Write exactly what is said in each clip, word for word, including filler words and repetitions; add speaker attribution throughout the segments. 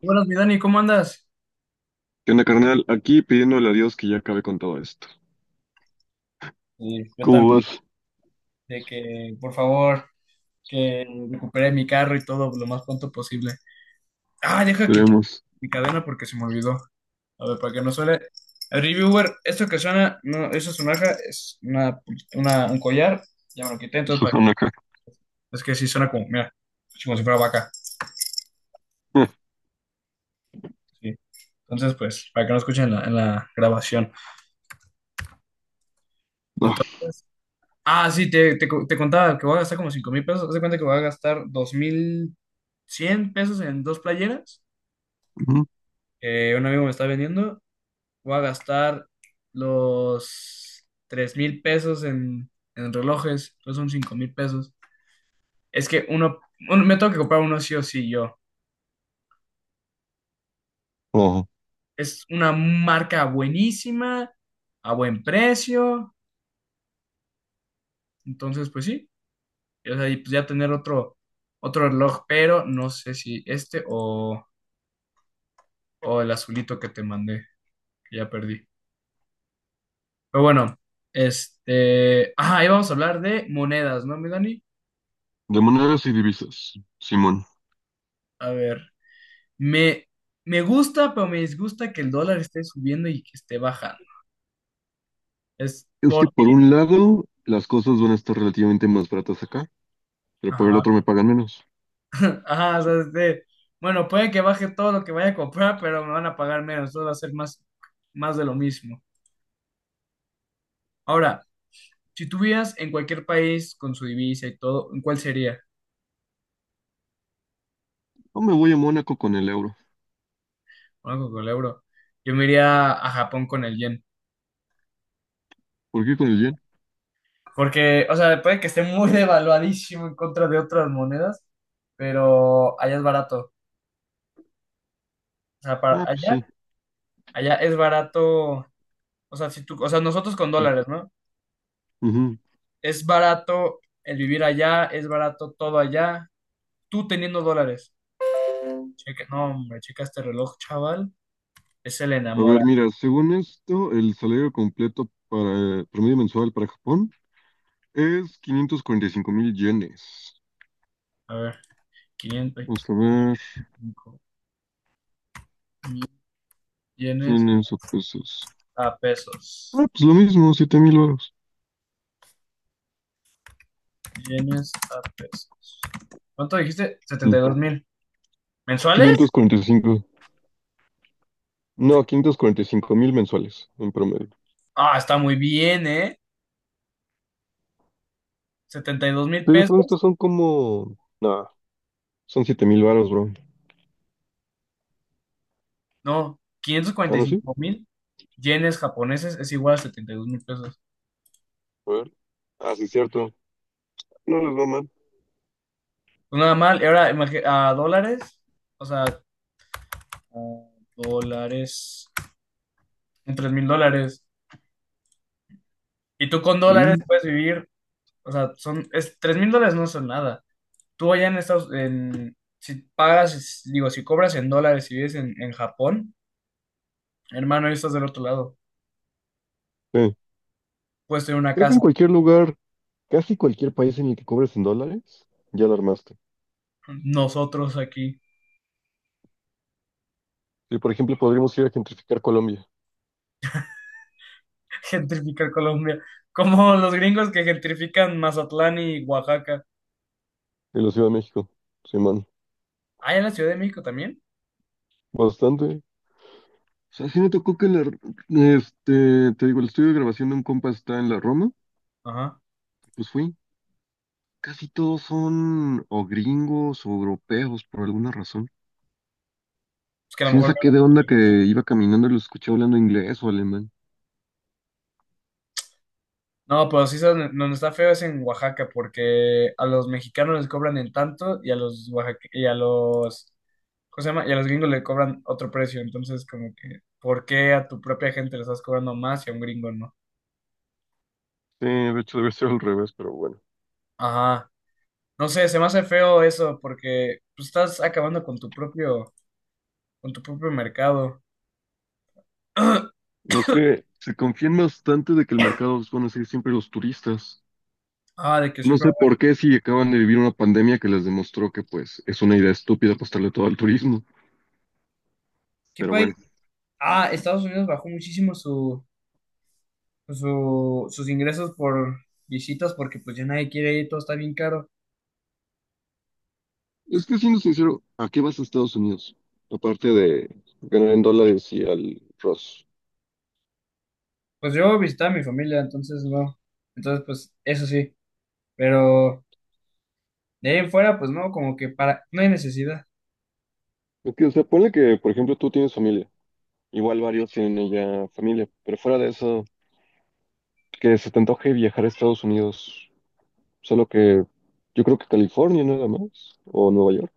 Speaker 1: Buenas, mi Dani, ¿cómo andas?
Speaker 2: ¿Qué onda, carnal? Aquí pidiéndole a Dios que ya acabe con todo esto.
Speaker 1: Sí, yo también,
Speaker 2: ¿Cómo vas?
Speaker 1: de que por favor, que recupere mi carro y todo lo más pronto posible. Ah, deja quitar
Speaker 2: Veremos.
Speaker 1: mi cadena porque se me olvidó. A ver, para que no suene. El reviewer, esto que suena, no, eso es una aja, es una, una- un collar, ya me lo quité, entonces para-
Speaker 2: Susana acá.
Speaker 1: es que sí suena como, mira, como si fuera vaca.
Speaker 2: Ah,
Speaker 1: Sí. Entonces, pues, para que no escuchen en la, en la grabación.
Speaker 2: va.
Speaker 1: Entonces, ah, sí, te, te, co- te contaba que voy a gastar como cinco mil pesos. Haz de cuenta que voy a gastar dos mil cien pesos en dos playeras,
Speaker 2: Ujú.
Speaker 1: que un amigo me está vendiendo. Voy a gastar los tres mil pesos en, en relojes. Entonces son cinco mil pesos. Es que uno, uno- me tengo que comprar uno sí o sí yo.
Speaker 2: Oh.
Speaker 1: Es una marca buenísima, a buen precio. Entonces, pues sí. O sea, y pues ya tener otro, otro reloj, pero no sé si este o. O el azulito que te mandé, que ya perdí. Pero bueno, este. Ah, ahí vamos a hablar de monedas, ¿no, mi Dani?
Speaker 2: De monedas y divisas, Simón.
Speaker 1: A ver, me, me gusta, pero me disgusta que el dólar esté subiendo y que esté bajando. Es
Speaker 2: Es que
Speaker 1: porque.
Speaker 2: por un lado, las cosas van a estar relativamente más baratas acá, pero por el
Speaker 1: Ajá.
Speaker 2: otro me pagan menos.
Speaker 1: Ajá, o sea, este, bueno, puede que baje todo lo que vaya a comprar, pero me van a pagar menos. Entonces va a ser más, más de lo mismo. Ahora, si tú vivieras en cualquier país con su divisa y todo, ¿en cuál sería?
Speaker 2: No me voy a Mónaco con el euro.
Speaker 1: Bueno, con el euro. Yo me iría a Japón con el yen.
Speaker 2: ¿Por qué con el yen?
Speaker 1: Porque, o sea, puede que esté muy devaluadísimo en contra de otras monedas, pero allá es barato. O sea, para
Speaker 2: Ah, pues
Speaker 1: allá,
Speaker 2: sí.
Speaker 1: allá es barato. O sea, si tú, o sea, nosotros con dólares, ¿no?
Speaker 2: Ujú.
Speaker 1: Es barato el vivir allá, es barato todo allá. Tú teniendo dólares. Checa, no, hombre, checa este reloj, chaval. Ese le
Speaker 2: A
Speaker 1: enamora.
Speaker 2: ver, mira, según esto, el salario completo para eh, promedio mensual para Japón es quinientos cuarenta y cinco mil yenes.
Speaker 1: A ver, quinientos
Speaker 2: Vamos a ver,
Speaker 1: cinco mil yenes
Speaker 2: ¿yenes o pesos?
Speaker 1: a pesos.
Speaker 2: Ah, pues lo mismo, siete mil varos.
Speaker 1: Yenes a pesos. ¿Cuánto dijiste?
Speaker 2: Mm.
Speaker 1: Setenta y dos mil. ¿Mensuales?
Speaker 2: Quinientos cuarenta y cinco. No, quinientos cuarenta y cinco mil mensuales en promedio.
Speaker 1: Ah, está muy bien, ¿eh? Setenta y dos mil
Speaker 2: Te digo, son
Speaker 1: pesos.
Speaker 2: estos son como... Nah, son siete mil varos, bro.
Speaker 1: No, quinientos
Speaker 2: Ah,
Speaker 1: cuarenta y
Speaker 2: ¿no sí?
Speaker 1: cinco mil yenes japoneses es igual a setenta y dos mil pesos.
Speaker 2: A ver. Ah, sí, cierto. No les va mal.
Speaker 1: Pues nada mal. Y ahora, imagi- a dólares. O sea, a dólares. Son tres mil dólares. Y tú con dólares
Speaker 2: Mm,
Speaker 1: puedes vivir. O sea, son, es, tres mil dólares no son nada. Tú allá en Estados en, si pagas, es- digo, si cobras en dólares y vives en, en Japón, hermano, ahí estás del otro lado.
Speaker 2: sí.
Speaker 1: Puedes tener una
Speaker 2: Creo que
Speaker 1: casa.
Speaker 2: en cualquier lugar, casi cualquier país en el que cobres en dólares, ya la armaste.
Speaker 1: Nosotros aquí.
Speaker 2: Sí, por ejemplo, podríamos ir a gentrificar Colombia
Speaker 1: Gentrificar Colombia. Como los gringos que gentrifican Mazatlán y Oaxaca.
Speaker 2: y la Ciudad de México. Sí, man.
Speaker 1: Ah, en la Ciudad de México también.
Speaker 2: Bastante. O sea, sí me tocó que la... Este, te digo, el estudio de grabación de un compa está en la Roma.
Speaker 1: Ajá.
Speaker 2: Pues fui. Casi todos son o gringos o europeos por alguna razón.
Speaker 1: Es que a lo
Speaker 2: Sí me
Speaker 1: mejor.
Speaker 2: saqué de onda que iba caminando y lo escuché hablando inglés o alemán.
Speaker 1: No, no, pero sí, son- donde está feo es en Oaxaca, porque a los mexicanos les cobran en tanto y a los oaxaque- y a los. ¿Cómo se llama? Y a los gringos le cobran otro precio. Entonces, como que, ¿por qué a tu propia gente le estás cobrando más y a un gringo no?
Speaker 2: Sí, de hecho debe ser al revés, pero bueno.
Speaker 1: Ajá. No sé, se me hace feo eso, porque pues, estás acabando con tu propio, con tu propio mercado.
Speaker 2: No, es que se confían bastante de que el mercado los van a ser siempre los turistas.
Speaker 1: Ah, de que
Speaker 2: No
Speaker 1: siempre.
Speaker 2: sé por qué si acaban de vivir una pandemia que les demostró que pues es una idea estúpida apostarle todo al turismo.
Speaker 1: ¿Qué
Speaker 2: Pero
Speaker 1: país?
Speaker 2: bueno,
Speaker 1: Ah, Estados Unidos bajó muchísimo su, su- sus ingresos por visitas porque pues ya nadie quiere ir, todo está bien caro.
Speaker 2: es que siendo sincero, ¿a qué vas a Estados Unidos? Aparte de ganar en dólares y al Ross.
Speaker 1: Pues yo visitaba a mi familia, entonces no. Entonces pues eso sí, pero de ahí en fuera pues no, como que para, no hay necesidad.
Speaker 2: Es que, o sea, ponle que, por ejemplo, tú tienes familia. Igual varios tienen ya familia, pero fuera de eso, que se te antoje viajar a Estados Unidos, solo que yo creo que California nada más, o Nueva York.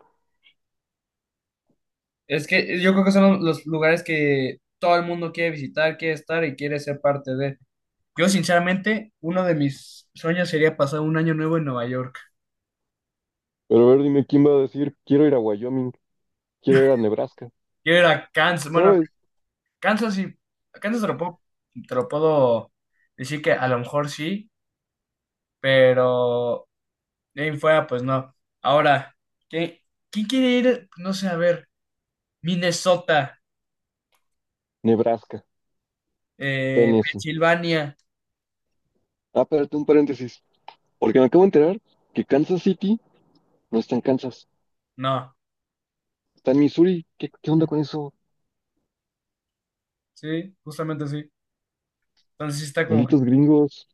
Speaker 1: Es que yo creo que son los lugares que todo el mundo quiere visitar, quiere estar y quiere ser parte de. Yo sinceramente, uno de mis sueños sería pasar un año nuevo en Nueva York.
Speaker 2: Pero a ver, dime quién va a decir, quiero ir a Wyoming, quiero ir a Nebraska,
Speaker 1: Quiero ir a Kansas, bueno,
Speaker 2: ¿sabes?
Speaker 1: Kansas sí, Kansas te lo puedo, te lo puedo decir que a lo mejor sí, pero de ahí en fuera, pues no. Ahora, ¿quién, quién quiere ir? No sé, a ver, Minnesota,
Speaker 2: Nebraska,
Speaker 1: eh,
Speaker 2: Tennessee.
Speaker 1: Pensilvania,
Speaker 2: Ah, espérate un paréntesis, porque me acabo de enterar que Kansas City no está en Kansas,
Speaker 1: no.
Speaker 2: está en Missouri. ¿Qué, qué onda con eso?
Speaker 1: Sí, justamente sí. Entonces sí está como que.
Speaker 2: Malditos gringos.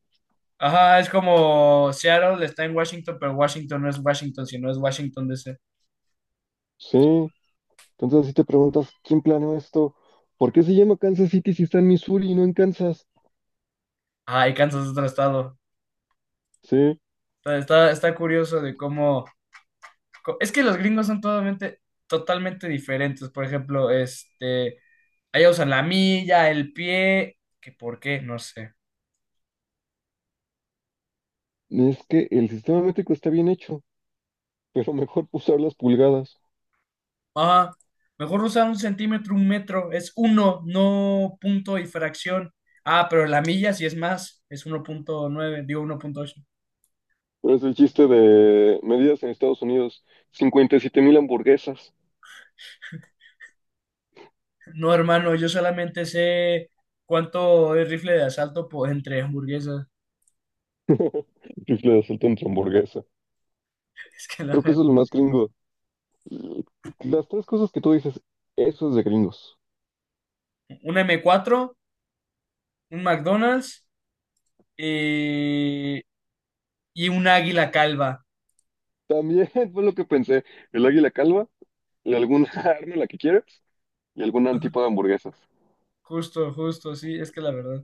Speaker 1: Ajá, es como Seattle está en Washington, pero Washington no es Washington, sino es Washington D C.
Speaker 2: Sí, entonces así te preguntas, ¿quién planeó esto? ¿Por qué se llama Kansas City si está en Missouri y no en Kansas?
Speaker 1: Ajá, y Kansas es otro estado.
Speaker 2: Sí.
Speaker 1: Está, está, está curioso de cómo co- es que los gringos son totalmente, totalmente diferentes. Por ejemplo, este, allá usan la milla, el pie, que por qué, no sé.
Speaker 2: Es que el sistema métrico está bien hecho, pero mejor usar las pulgadas.
Speaker 1: Ajá. Mejor usar un centímetro, un metro, es uno, no punto y fracción. Ah, pero la milla sí es más, es uno punto nueve, digo, uno punto ocho.
Speaker 2: Pero es el chiste de medidas en Estados Unidos, cincuenta y siete mil hamburguesas.
Speaker 1: No, hermano, yo solamente sé cuánto es rifle de asalto por, entre hamburguesas.
Speaker 2: Rifle de asalto entre hamburguesa.
Speaker 1: Es que la
Speaker 2: Creo que
Speaker 1: verdad,
Speaker 2: eso es lo más gringo. Las tres cosas que tú dices, eso es de gringos.
Speaker 1: un m cuatro, un McDonald's y, y un águila calva.
Speaker 2: También fue lo que pensé, el águila calva, y alguna arma la que quieras, y algún tipo de hamburguesas.
Speaker 1: Justo, justo, sí, es que la verdad.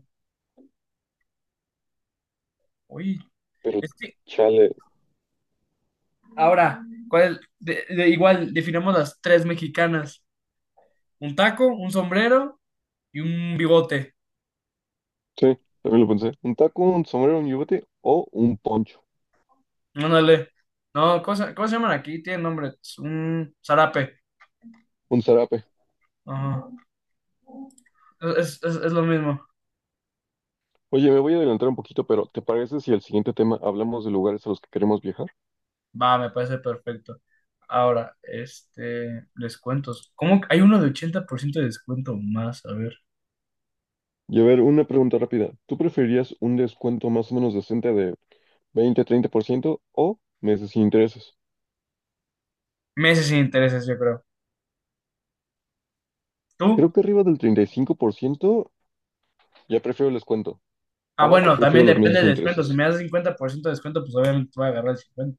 Speaker 1: Oye,
Speaker 2: Pero
Speaker 1: es que
Speaker 2: chale,
Speaker 1: ahora, ¿cuál? de- de- igual, definamos las tres mexicanas. Un taco, un sombrero y un bigote.
Speaker 2: sí, también lo pensé. Un taco, un sombrero, un yubete o un poncho,
Speaker 1: Ándale. No, ¿cómo se, cómo se llaman aquí? Tienen nombre. Es un zarape.
Speaker 2: un zarape.
Speaker 1: Ajá. Es, es- es lo mismo.
Speaker 2: Oye, me voy a adelantar un poquito, pero ¿te parece si el siguiente tema hablamos de lugares a los que queremos viajar?
Speaker 1: Va, me parece perfecto. Ahora, este, descuentos. ¿Cómo? Que hay uno de ochenta por ciento de descuento más, a ver.
Speaker 2: Y a ver, una pregunta rápida. ¿Tú preferirías un descuento más o menos decente de veinte, treinta por ciento o meses sin intereses?
Speaker 1: Meses sin intereses, yo creo. ¿Tú?
Speaker 2: Creo que arriba del treinta y cinco por ciento ya prefiero el descuento.
Speaker 1: Ah,
Speaker 2: Abajo
Speaker 1: bueno,
Speaker 2: prefiero
Speaker 1: también
Speaker 2: los meses
Speaker 1: depende
Speaker 2: sin
Speaker 1: del descuento. Si
Speaker 2: intereses.
Speaker 1: me das cincuenta por ciento de descuento, pues obviamente voy a agarrar el cincuenta.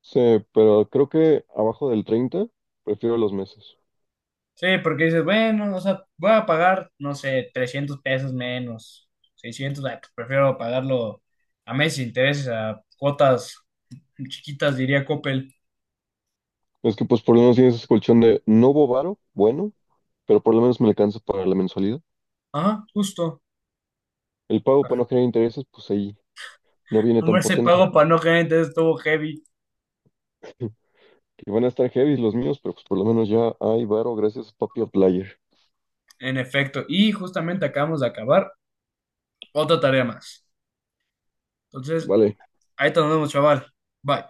Speaker 2: Sí, pero creo que abajo del treinta prefiero los meses.
Speaker 1: Sí, porque dices, bueno, o sea, voy a pagar, no sé, trescientos pesos menos, seiscientos. Ay, pues prefiero pagarlo a meses sin intereses, a cuotas chiquitas, diría Coppel.
Speaker 2: Es que pues por lo menos tienes ese colchón de no hubo varo, bueno, pero por lo menos me alcanza para la mensualidad.
Speaker 1: Ajá, justo.
Speaker 2: El pago para no generar intereses, pues ahí no viene
Speaker 1: Hombre,
Speaker 2: tan
Speaker 1: ese
Speaker 2: potente.
Speaker 1: pago para no generar entonces estuvo heavy,
Speaker 2: Que van a estar heavy los míos, pero pues por lo menos ya hay varo, gracias Papi player.
Speaker 1: en efecto. Y justamente acabamos de acabar otra tarea más. Entonces,
Speaker 2: Vale,
Speaker 1: ahí te nos vemos, chaval. Bye.